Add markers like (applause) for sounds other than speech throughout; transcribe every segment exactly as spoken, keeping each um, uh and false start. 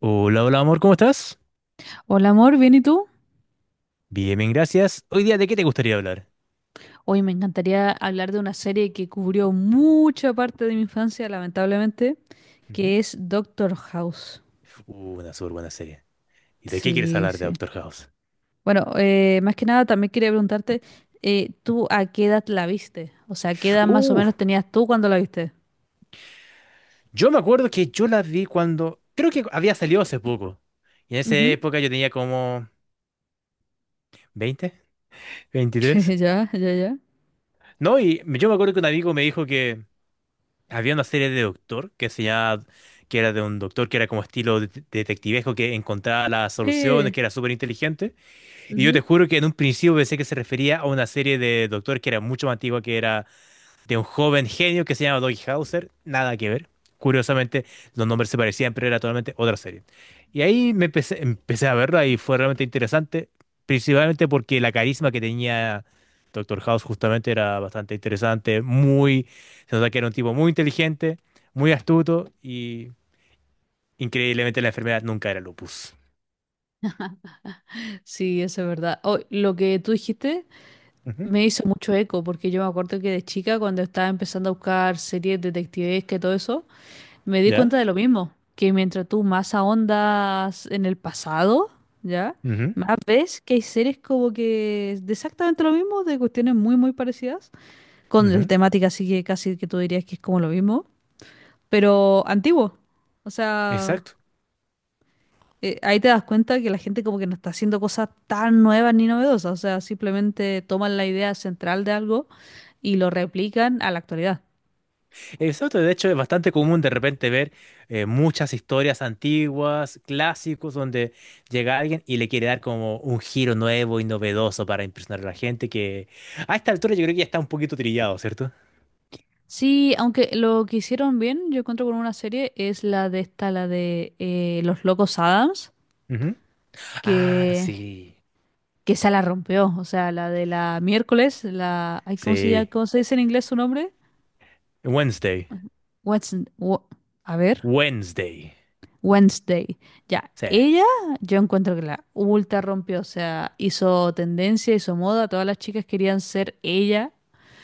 Hola, hola amor, ¿cómo estás? Hola amor, ¿bien y tú? Bien, bien, gracias. Hoy día, ¿de qué te gustaría hablar? Hoy me encantaría hablar de una serie que cubrió mucha parte de mi infancia, lamentablemente, Ujú. que es Doctor House. Uh, una súper buena serie. ¿Y de qué quieres Sí, hablar de sí. Doctor House? Bueno, eh, más que nada también quería preguntarte, eh, ¿tú a qué edad la viste? O sea, ¿qué edad más o Uh, menos tenías tú cuando la viste? yo me acuerdo que yo la vi cuando creo que había salido hace poco. Y en esa Ujú. época yo tenía como veinte, veintitrés. (laughs) Ya, ya, ya. No, y yo me acuerdo que un amigo me dijo que había una serie de Doctor que se llamaba, que era de un doctor que era como estilo de- detectivesco que encontraba las soluciones, Sí. que era súper inteligente. Y yo te Ujú. juro que en un principio pensé que se refería a una serie de Doctor que era mucho más antigua, que era de un joven genio que se llama Doggy Hauser. Nada que ver. Curiosamente, los nombres se parecían, pero era totalmente otra serie. Y ahí me empecé, empecé a verla y fue realmente interesante, principalmente porque la carisma que tenía Doctor House justamente era bastante interesante, muy, se nota que era un tipo muy inteligente, muy astuto y, increíblemente, la enfermedad nunca era lupus. Sí, eso es verdad. Oh, lo que tú dijiste Ujú. me hizo mucho eco, porque yo me acuerdo que de chica, cuando estaba empezando a buscar series detectives que todo eso, me di ¿Ya? cuenta de lo mismo, que mientras tú más ahondas en el pasado, ¿ya? Ujú, Más ves que hay series como que de exactamente lo mismo, de cuestiones muy, muy parecidas, con la ujú. temática así que casi que tú dirías que es como lo mismo, pero antiguo. O sea, Exacto. eh, ahí te das cuenta que la gente como que no está haciendo cosas tan nuevas ni novedosas, o sea, simplemente toman la idea central de algo y lo replican a la actualidad. Exacto, de hecho es bastante común de repente ver eh, muchas historias antiguas, clásicos, donde llega alguien y le quiere dar como un giro nuevo y novedoso para impresionar a la gente, que a esta altura yo creo que ya está un poquito trillado, ¿cierto? Sí, aunque lo que hicieron bien, yo encuentro con una serie, es la de esta, la de eh, Los Locos Adams, Ujú. Ah, que, sí, que esa la rompió. O sea, la de la miércoles, la. Ay, ¿cómo se llama? sí. ¿Cómo se dice en inglés su nombre? Wednesday, Wednesday. A ver. Wednesday, Wednesday. Ya, sí. ella, yo encuentro que la ultra rompió. O sea, hizo tendencia, hizo moda, todas las chicas querían ser ella.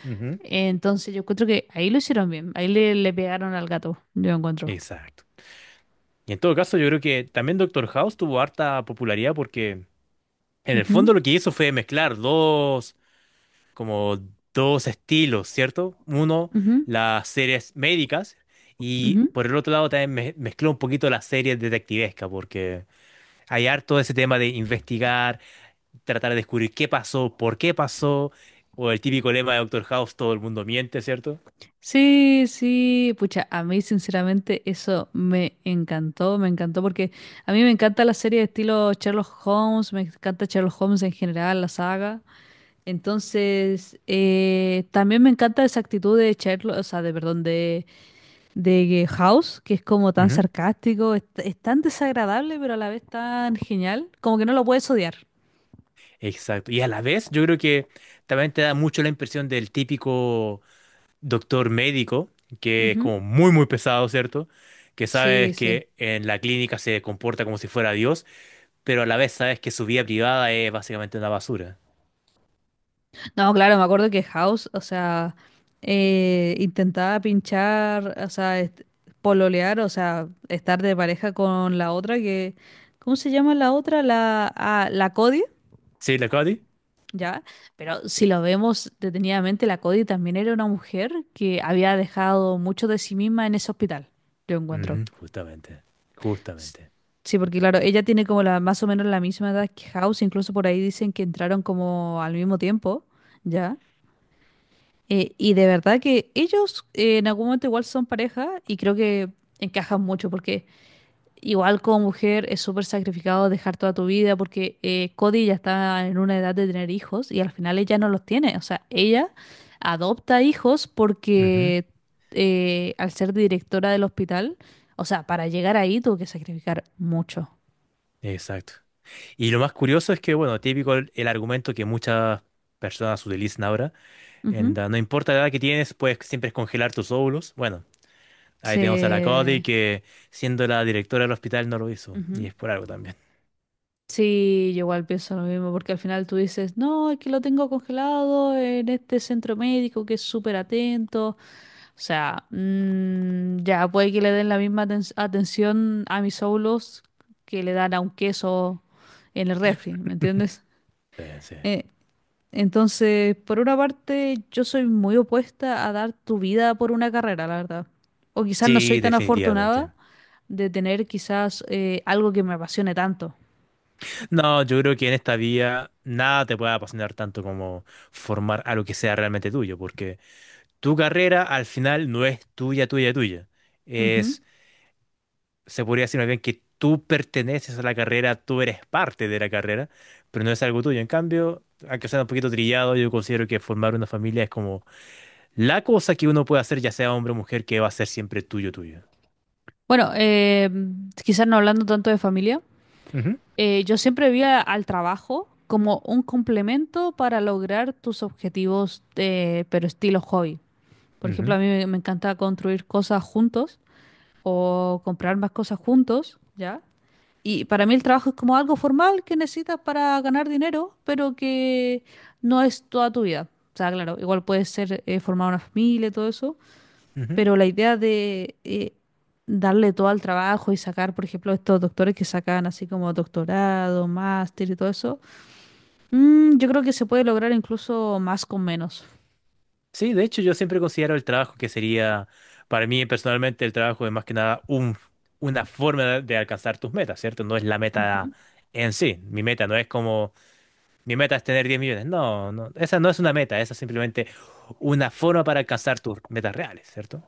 Ujú. Entonces yo encuentro que ahí lo hicieron bien, ahí le, le pegaron al gato, yo encuentro. Exacto. Y en todo caso, yo creo que también Doctor House tuvo harta popularidad porque en el Ujú, fondo lo que hizo fue mezclar dos como dos estilos, ¿cierto? Uno, ujú, las series médicas, y ujú. por el otro lado también me- mezcló un poquito las series detectivescas porque hay harto ese tema de investigar, tratar de descubrir qué pasó, por qué pasó, o el típico lema de Doctor House, todo el mundo miente, ¿cierto? Sí, sí, pucha, a mí sinceramente eso me encantó, me encantó porque a mí me encanta la serie de estilo Sherlock Holmes, me encanta Sherlock Holmes en general, la saga. Entonces, eh, también me encanta esa actitud de Sherlock, o sea, de, perdón, de, de House, que es como tan Ujú. sarcástico, es, es tan desagradable, pero a la vez tan genial, como que no lo puedes odiar. Exacto. Y a la vez yo creo que también te da mucho la impresión del típico doctor médico, que es Ujú. como muy, muy pesado, ¿cierto? Que Sí, sabes sí. que en la clínica se comporta como si fuera Dios, pero a la vez sabes que su vida privada es básicamente una basura. No, claro, me acuerdo que House, o sea, eh, intentaba pinchar, o sea, est- pololear, o sea, estar de pareja con la otra que, ¿cómo se llama la otra? La, ah, la Cody, ¿Sí, la Cody? ¿ya? Pero si lo vemos detenidamente, la Cody también era una mujer que había dejado mucho de sí misma en ese hospital, yo encuentro. Ujú, justamente, S- justamente. Sí, porque claro, ella tiene como la, más o menos la misma edad que House, incluso por ahí dicen que entraron como al mismo tiempo, ¿ya? Eh, y de verdad que ellos eh, en algún momento igual son pareja y creo que encajan mucho porque igual como mujer es súper sacrificado dejar toda tu vida porque eh, Cody ya está en una edad de tener hijos y al final ella no los tiene. O sea, ella adopta hijos Ujú, porque eh, al ser directora del hospital, o sea, para llegar ahí tuvo que sacrificar mucho. exacto. Y lo más curioso es que, bueno, típico el, el argumento que muchas personas utilizan ahora, en Ujú. da- no importa la edad que tienes, puedes siempre congelar tus óvulos. Bueno, ahí tenemos a la Cody Se... que, siendo la directora del hospital, no lo hizo, y ujú. es por algo también. Sí, yo igual pienso lo mismo, porque al final tú dices, no, es que lo tengo congelado en este centro médico que es súper atento. O sea, mm, ya puede que le den la misma aten- atención a mis óvulos que le dan a un queso en el refri, ¿me entiendes? Sí, sí. Eh, entonces, por una parte, yo soy muy opuesta a dar tu vida por una carrera, la verdad. O quizás no soy Sí, tan afortunada definitivamente. de tener quizás eh, algo que me apasione tanto. No, yo creo que en esta vía nada te puede apasionar tanto como formar algo que sea realmente tuyo, tu carrera al final no es tuya, tuya, tuya. Ujú. Es, se podría decir más bien que tú perteneces a la carrera, tú eres parte de la carrera, pero no es algo tuyo. En cambio, aunque sea un poquito trillado, yo considero que formar una familia es como la cosa que uno puede hacer, ya sea hombre o mujer, que va a ser siempre tuyo, tuyo. Bueno, eh, quizás no hablando tanto de familia, Ujú, eh, yo siempre vi a- al trabajo como un complemento para lograr tus objetivos, eh, pero estilo hobby. Por ejemplo, ujú, a mí me, me encanta construir cosas juntos o comprar más cosas juntos, ¿ya? Y para mí el trabajo es como algo formal que necesitas para ganar dinero, pero que no es toda tu vida. O sea, claro, igual puedes ser, eh, formar una familia y todo eso, ujú. pero la idea de eh, darle todo al trabajo y sacar, por ejemplo, estos doctores que sacan así como doctorado, máster y todo eso, mm, yo creo que se puede lograr incluso más con menos. Sí, de hecho, yo siempre considero el trabajo que sería, para mí personalmente, el trabajo es más que nada un, una forma de de alcanzar tus metas, ¿cierto? No es la meta Ujú. en sí. Mi meta no es como mi meta es tener diez millones. No, no, esa no es una meta, esa es simplemente una forma para alcanzar tus metas reales, ¿cierto?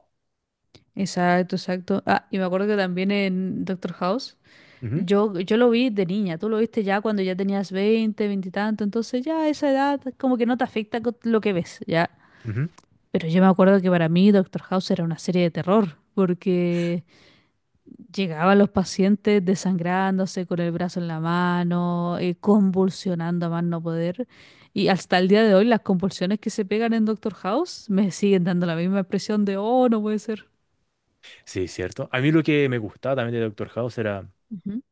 Exacto, exacto. Ah, y me acuerdo que también en Doctor House, Ujú, yo, yo lo vi de niña, tú lo viste ya cuando ya tenías veinte, 20 y tanto, entonces ya a esa edad como que no te afecta co- lo que ves, ya. ujú. Pero yo me acuerdo que para mí Doctor House era una serie de terror, porque llegaban los pacientes desangrándose con el brazo en la mano, eh, convulsionando a más no poder. Y hasta el día de hoy las convulsiones que se pegan en Doctor House me siguen dando la misma impresión de, oh, no puede ser. Sí, cierto. A mí lo que me gustaba también de Doctor House era Ujú.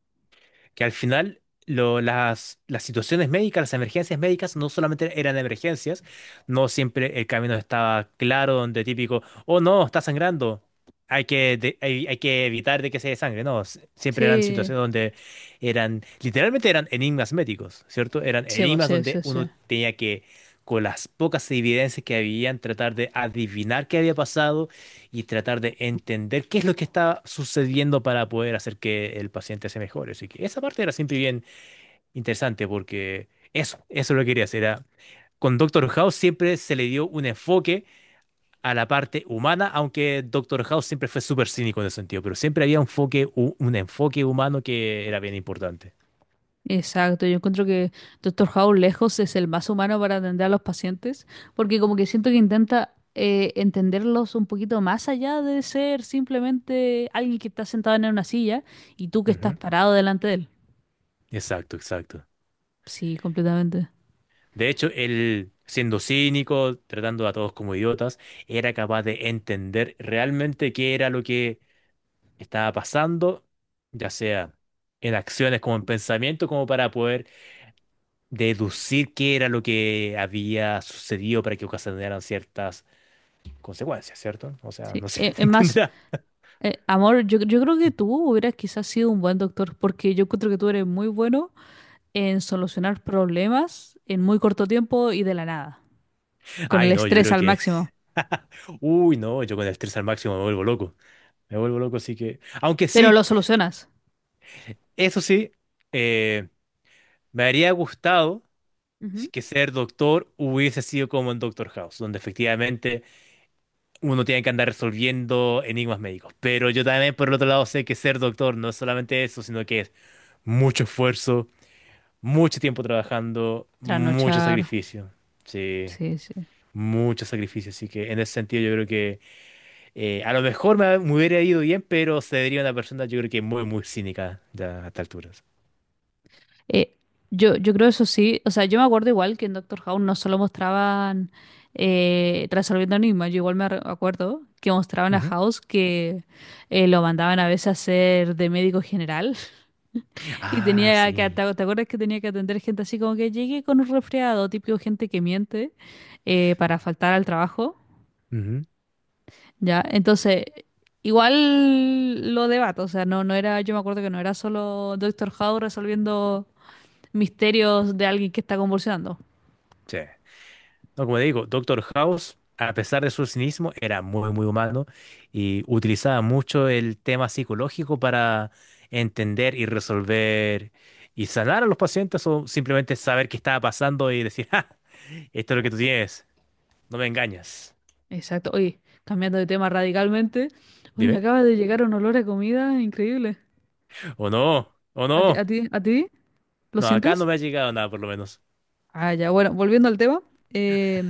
que al final lo- las, las situaciones médicas, las emergencias médicas, no solamente eran emergencias, no siempre el camino estaba claro, donde típico, oh, no, está sangrando, hay que, de- hay, hay que evitar de que se desangre. No, s- siempre eran Sí, situaciones donde eran, literalmente, eran enigmas médicos, ¿cierto? Eran sí, po, enigmas sí, donde sí, sí. uno tenía que, con las pocas evidencias que habían, tratar de adivinar qué había pasado y tratar de entender qué es lo que está sucediendo para poder hacer que el paciente se mejore. Así que esa parte era siempre bien interesante porque eso, eso es lo que quería hacer. Era, con Doctor House siempre se le dio un enfoque a la parte humana, aunque Doctor House siempre fue súper cínico en ese sentido, pero siempre había un enfoque, un enfoque humano que era bien importante. Exacto, yo encuentro que Doctor House lejos es el más humano para atender a los pacientes, porque como que siento que intenta eh, entenderlos un poquito más allá de ser simplemente alguien que está sentado en una silla y tú que estás Ujú, parado delante de él. exacto, exacto. Sí, completamente. De hecho, él, siendo cínico, tratando a todos como idiotas, era capaz de entender realmente qué era lo que estaba pasando, ya sea en acciones como en pensamiento, como para poder deducir qué era lo que había sucedido para que ocasionaran ciertas consecuencias, ¿cierto? O sea, Sí. no sé (laughs) qué Eh, te Es más, entenderá. eh, amor, yo, yo creo que tú hubieras quizás sido un buen doctor, porque yo encuentro que tú eres muy bueno en solucionar problemas en muy corto tiempo y de la nada, con el Ay, no, yo estrés creo al que. máximo. (laughs) Uy, no, yo con el estrés al máximo me vuelvo loco. Me vuelvo loco, así que. Aunque Pero sí, lo solucionas. eso sí, eh, me habría gustado si Ujú. que ser doctor hubiese sido como en Doctor House, donde efectivamente uno tiene que andar resolviendo enigmas médicos. Pero yo también, por el otro lado, sé que ser doctor no es solamente eso, sino que es mucho esfuerzo, mucho tiempo trabajando, mucho Trasnochar. sacrificio. Sí, Sí, sí. mucho sacrificio. Así que en ese sentido yo creo que eh, a lo mejor me, me hubiera ido bien, pero se vería una persona, yo creo que muy, muy cínica ya a estas alturas. Eh, yo, yo creo eso sí. O sea, yo me acuerdo igual que en Doctor House no solo mostraban eh, resolviendo enigmas, yo igual me re- acuerdo que mostraban a Ujú. House que eh, lo mandaban a veces a ser de médico general. (laughs) Y Ah, tenía que, sí. ¿te te acuerdas que tenía que atender gente así como que llegué con un resfriado, típico gente que miente eh, para faltar al trabajo? Ujú. Ya, entonces, igual lo debato, o sea, no, no era, yo me acuerdo que no era solo Doctor House resolviendo misterios de alguien que está convulsionando. Sí. No, como te digo, Doctor House, a pesar de su cinismo, era muy, muy humano y utilizaba mucho el tema psicológico para entender y resolver y sanar a los pacientes, o simplemente saber qué estaba pasando y decir, (laughs) ¡ah! Esto es lo que tú tienes, no me engañas. Exacto, oye, cambiando de tema radicalmente, uy, me Dime. acaba de llegar un olor a comida increíble. ¿O no? ¿O ¿A ti, a no? ti, a ti? ¿Lo No, acá no sientes? me ha llegado nada, por lo menos. Ah, ya, bueno, volviendo al tema, eh,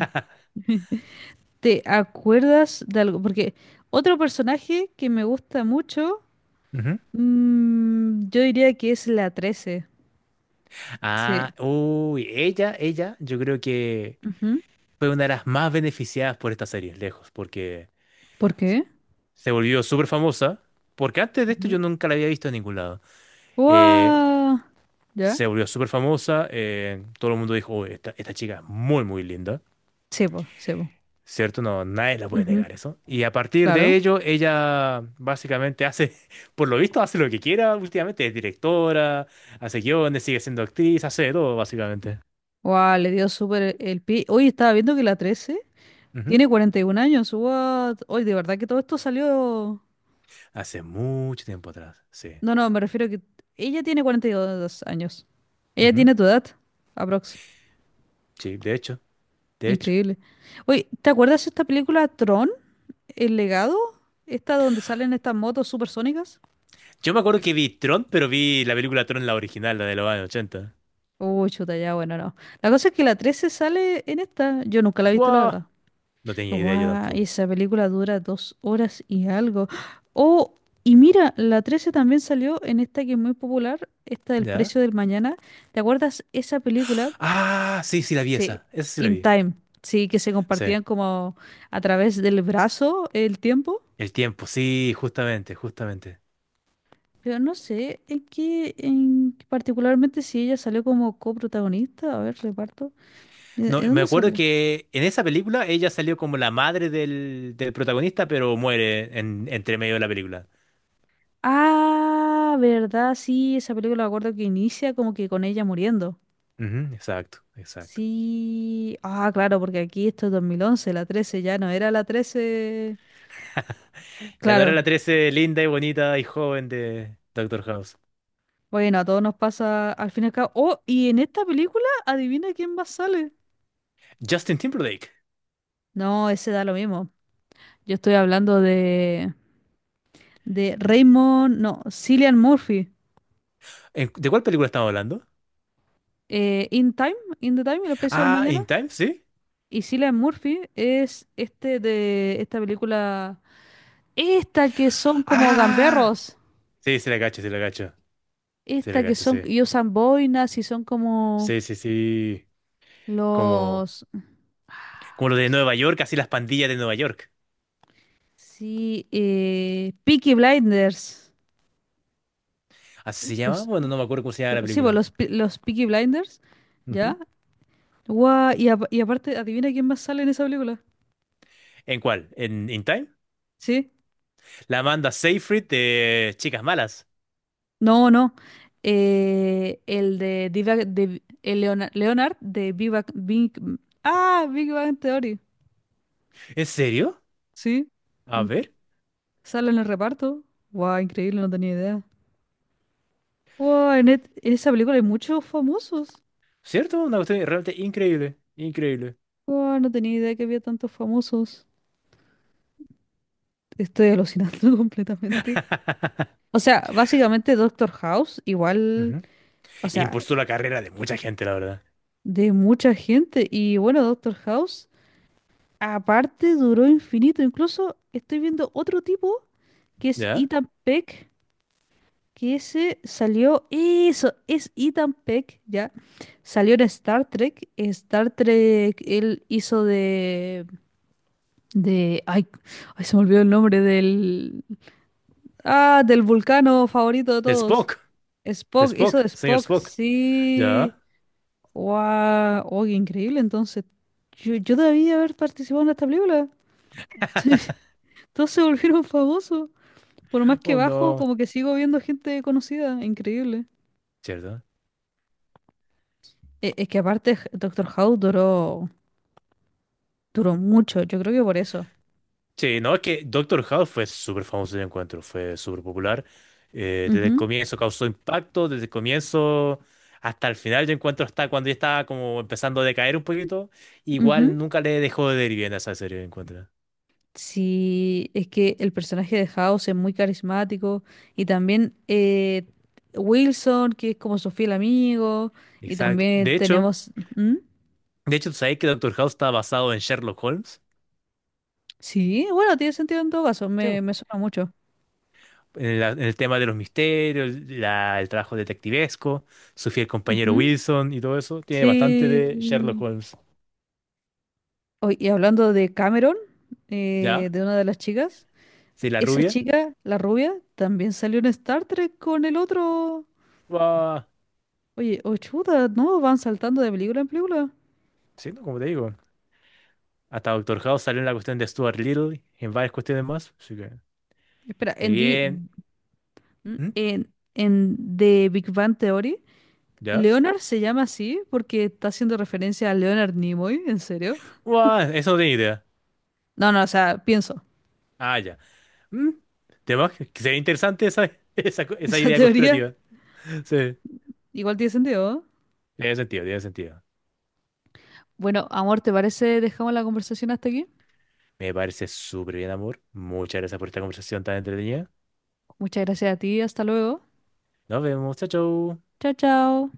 (laughs) ¿Te acuerdas de algo? Porque otro personaje que me gusta mucho, Ujú. mm, yo diría que es la trece. Sí. Ah, uy, ella, ella, yo creo que Ujú. fue una de las más beneficiadas por esta serie, lejos, porque ¿Por qué? se volvió súper famosa, porque antes de esto yo Ujú. nunca la había visto en ningún lado. Eh, ¡Guau! ¿Ya? se volvió súper famosa, eh, todo el mundo dijo: "Oye, esta, esta chica es muy, muy linda", Sebo, sebo. ¿cierto? No, nadie la puede Ujú, negar eso. Y a partir de claro. ello, ella básicamente hace, (laughs) por lo visto, hace lo que quiera últimamente, es directora, hace guiones, sigue siendo actriz, hace de todo, básicamente. Wow, le dio súper el pie. Hoy estaba viendo que la trece Ujú. tiene cuarenta y un años. ¡What! Hoy, de verdad que todo esto salió. Hace mucho tiempo atrás, sí. No, no, me refiero a que ella tiene cuarenta y dos años. Ella Ujú. tiene tu edad, aprox. Sí, de hecho, de hecho. Increíble. Oye, ¿te acuerdas de esta película Tron? ¿El legado? Esta donde salen estas motos supersónicas. Yo me acuerdo que vi Tron, pero vi la película Tron, la original, la de los años ochenta. Uy, chuta, ya, bueno, no. La cosa es que la trece sale en esta. Yo nunca la he visto, la Wow. verdad. No tenía idea yo Guau, tampoco. esa película dura dos horas y algo. Oh, y mira, la trece también salió en esta que es muy popular, esta del ¿Ya? precio del mañana. ¿Te acuerdas esa película? Ah, sí, sí la vi Sí, esa. Esa sí la In vi. Time. Sí, que se Sí. compartían como a través del brazo el tiempo. El tiempo, sí, justamente, justamente. Pero no sé, en qué, en qué particularmente si ella salió como coprotagonista, a ver, reparto. ¿De, No, de me dónde acuerdo sale? que en esa película ella salió como la madre del, del protagonista, pero muere en, entre medio de la película. Ah, verdad, sí, esa película me acuerdo que inicia como que con ella muriendo. Ujú, exacto, exacto. Sí, ah, claro, porque aquí esto es dos mil once, la trece ya no era la trece. (laughs) Ya no era Claro, la trece linda y bonita y joven de Doctor House. bueno, a todos nos pasa al fin y al cabo. Oh, y en esta película, adivina quién más sale. Justin Timberlake. No, ese da lo mismo. Yo estoy hablando de, de Raymond, no, Cillian Murphy. ¿En- ¿De cuál película estamos hablando? eh, In Time, In the Time, El Precio del Ah, Mañana. In Time, sí. Y Cillian Murphy es este de esta película, esta que son como Ah, gamberros, sí, se la cacho, se la cacho. Se la esta que cacho, son sí. y usan boinas y son como Sí, sí, sí. Como, los, como lo ¿cómo de se- Nueva York, así las pandillas de Nueva York. sí, eh, Peaky Blinders, ¿Así se llama? los, Bueno, no me acuerdo cómo se llama la sí, pues, película. los, pe- los Peaky Blinders, Ujú. ¿ya? Guau, y, apa- y aparte, adivina quién más sale en esa película, ¿En cuál? ¿En In Time? ¿sí? La Amanda Seyfried de Chicas Malas. No, no. eh, el de, Diva- de el Leona- Leonard, de Big Bang, Big- ah, Big Bang Theory. ¿En serio? Sí. A Mm, ver. sale en el reparto. Guau, increíble, no tenía idea. Guau, en, et- en esa película hay muchos famosos. ¿Cierto? Una cuestión realmente increíble. Increíble. Guau, no tenía idea que había tantos famosos. Estoy alucinando (laughs) completamente. (laughs) O sea, básicamente Doctor House, igual, Ujú. o sea, Impulsó la carrera de mucha gente, la verdad. de mucha gente. Y bueno, Doctor House. Aparte, duró infinito. Incluso estoy viendo otro tipo que es ¿Ya? Ethan Peck, que ese salió. Eso, es Ethan Peck, ya. Salió en Star Trek. En Star Trek, él hizo de. De. Ay, ay, se me olvidó el nombre del. Ah, del vulcano favorito de De todos. Spock. De Spock, hizo de Spock. Señor Spock, Spock. ¿Ya? sí. Wow, oye, increíble. Entonces, yo, yo debía haber participado en esta película. (laughs) (laughs) Todos se volvieron (laughs) famosos. Por más que Oh, bajo, no. como que sigo viendo gente conocida. Increíble. ¿Cierto? E- Es, que aparte, J- Doctor House duró, duró mucho. Yo creo que por eso. Sí, no, es que Doctor House fue súper famoso, de encuentro, fue súper popular. eh, desde el Ujú, comienzo causó impacto, desde el comienzo hasta el final, yo encuentro; hasta cuando ya estaba como empezando a decaer un poquito, ujú. igual nunca le dejó de ir bien a esa serie, yo encuentro. Sí, es que el personaje de House es muy carismático. Y también eh, Wilson, que es como su fiel amigo. Y Exacto. también De hecho, tenemos. ¿Mm? de hecho, ¿tú sabes que Doctor House está basado en Sherlock Holmes? Sí, bueno, tiene sentido en todo caso. Sí, Me, me suena mucho. En, la- en el tema de los misterios, la- el trabajo detectivesco, su fiel compañero Ujú. Wilson y todo eso, tiene bastante de Sherlock Sí. Holmes. Oy, y hablando de Cameron, eh, ¿Ya? de una de las chicas, Sí, la esa rubia. chica, la rubia, también salió en Star Trek con el otro. Oye, oh chuta, ¿no? Van saltando de película en película. Sí, no, como te digo, hasta Doctor House salió en la cuestión de Stuart Little y en varias cuestiones más. Así que, Espera, muy en, Di- bien. mm, ¿Mm? en, en The Big Bang Theory, ¿Ya? Leonard se llama así porque está haciendo referencia a Leonard Nimoy, ¿en serio? Guau, eso no tenía idea. No, no, o sea, pienso. Ah, ya. ¿Mm? ¿Tema? Que sería interesante esa, (laughs) esa, co- (laughs) esa Esa idea teoría conspirativa. Sí, igual tiene sentido, ¿no? tiene sentido, tiene sentido. Bueno, amor, ¿te parece? Dejamos la conversación hasta aquí. Me parece súper bien, amor. Muchas gracias por esta conversación tan entretenida. Muchas gracias a ti, hasta luego. Nos vemos, chao, chao. Chao, chao.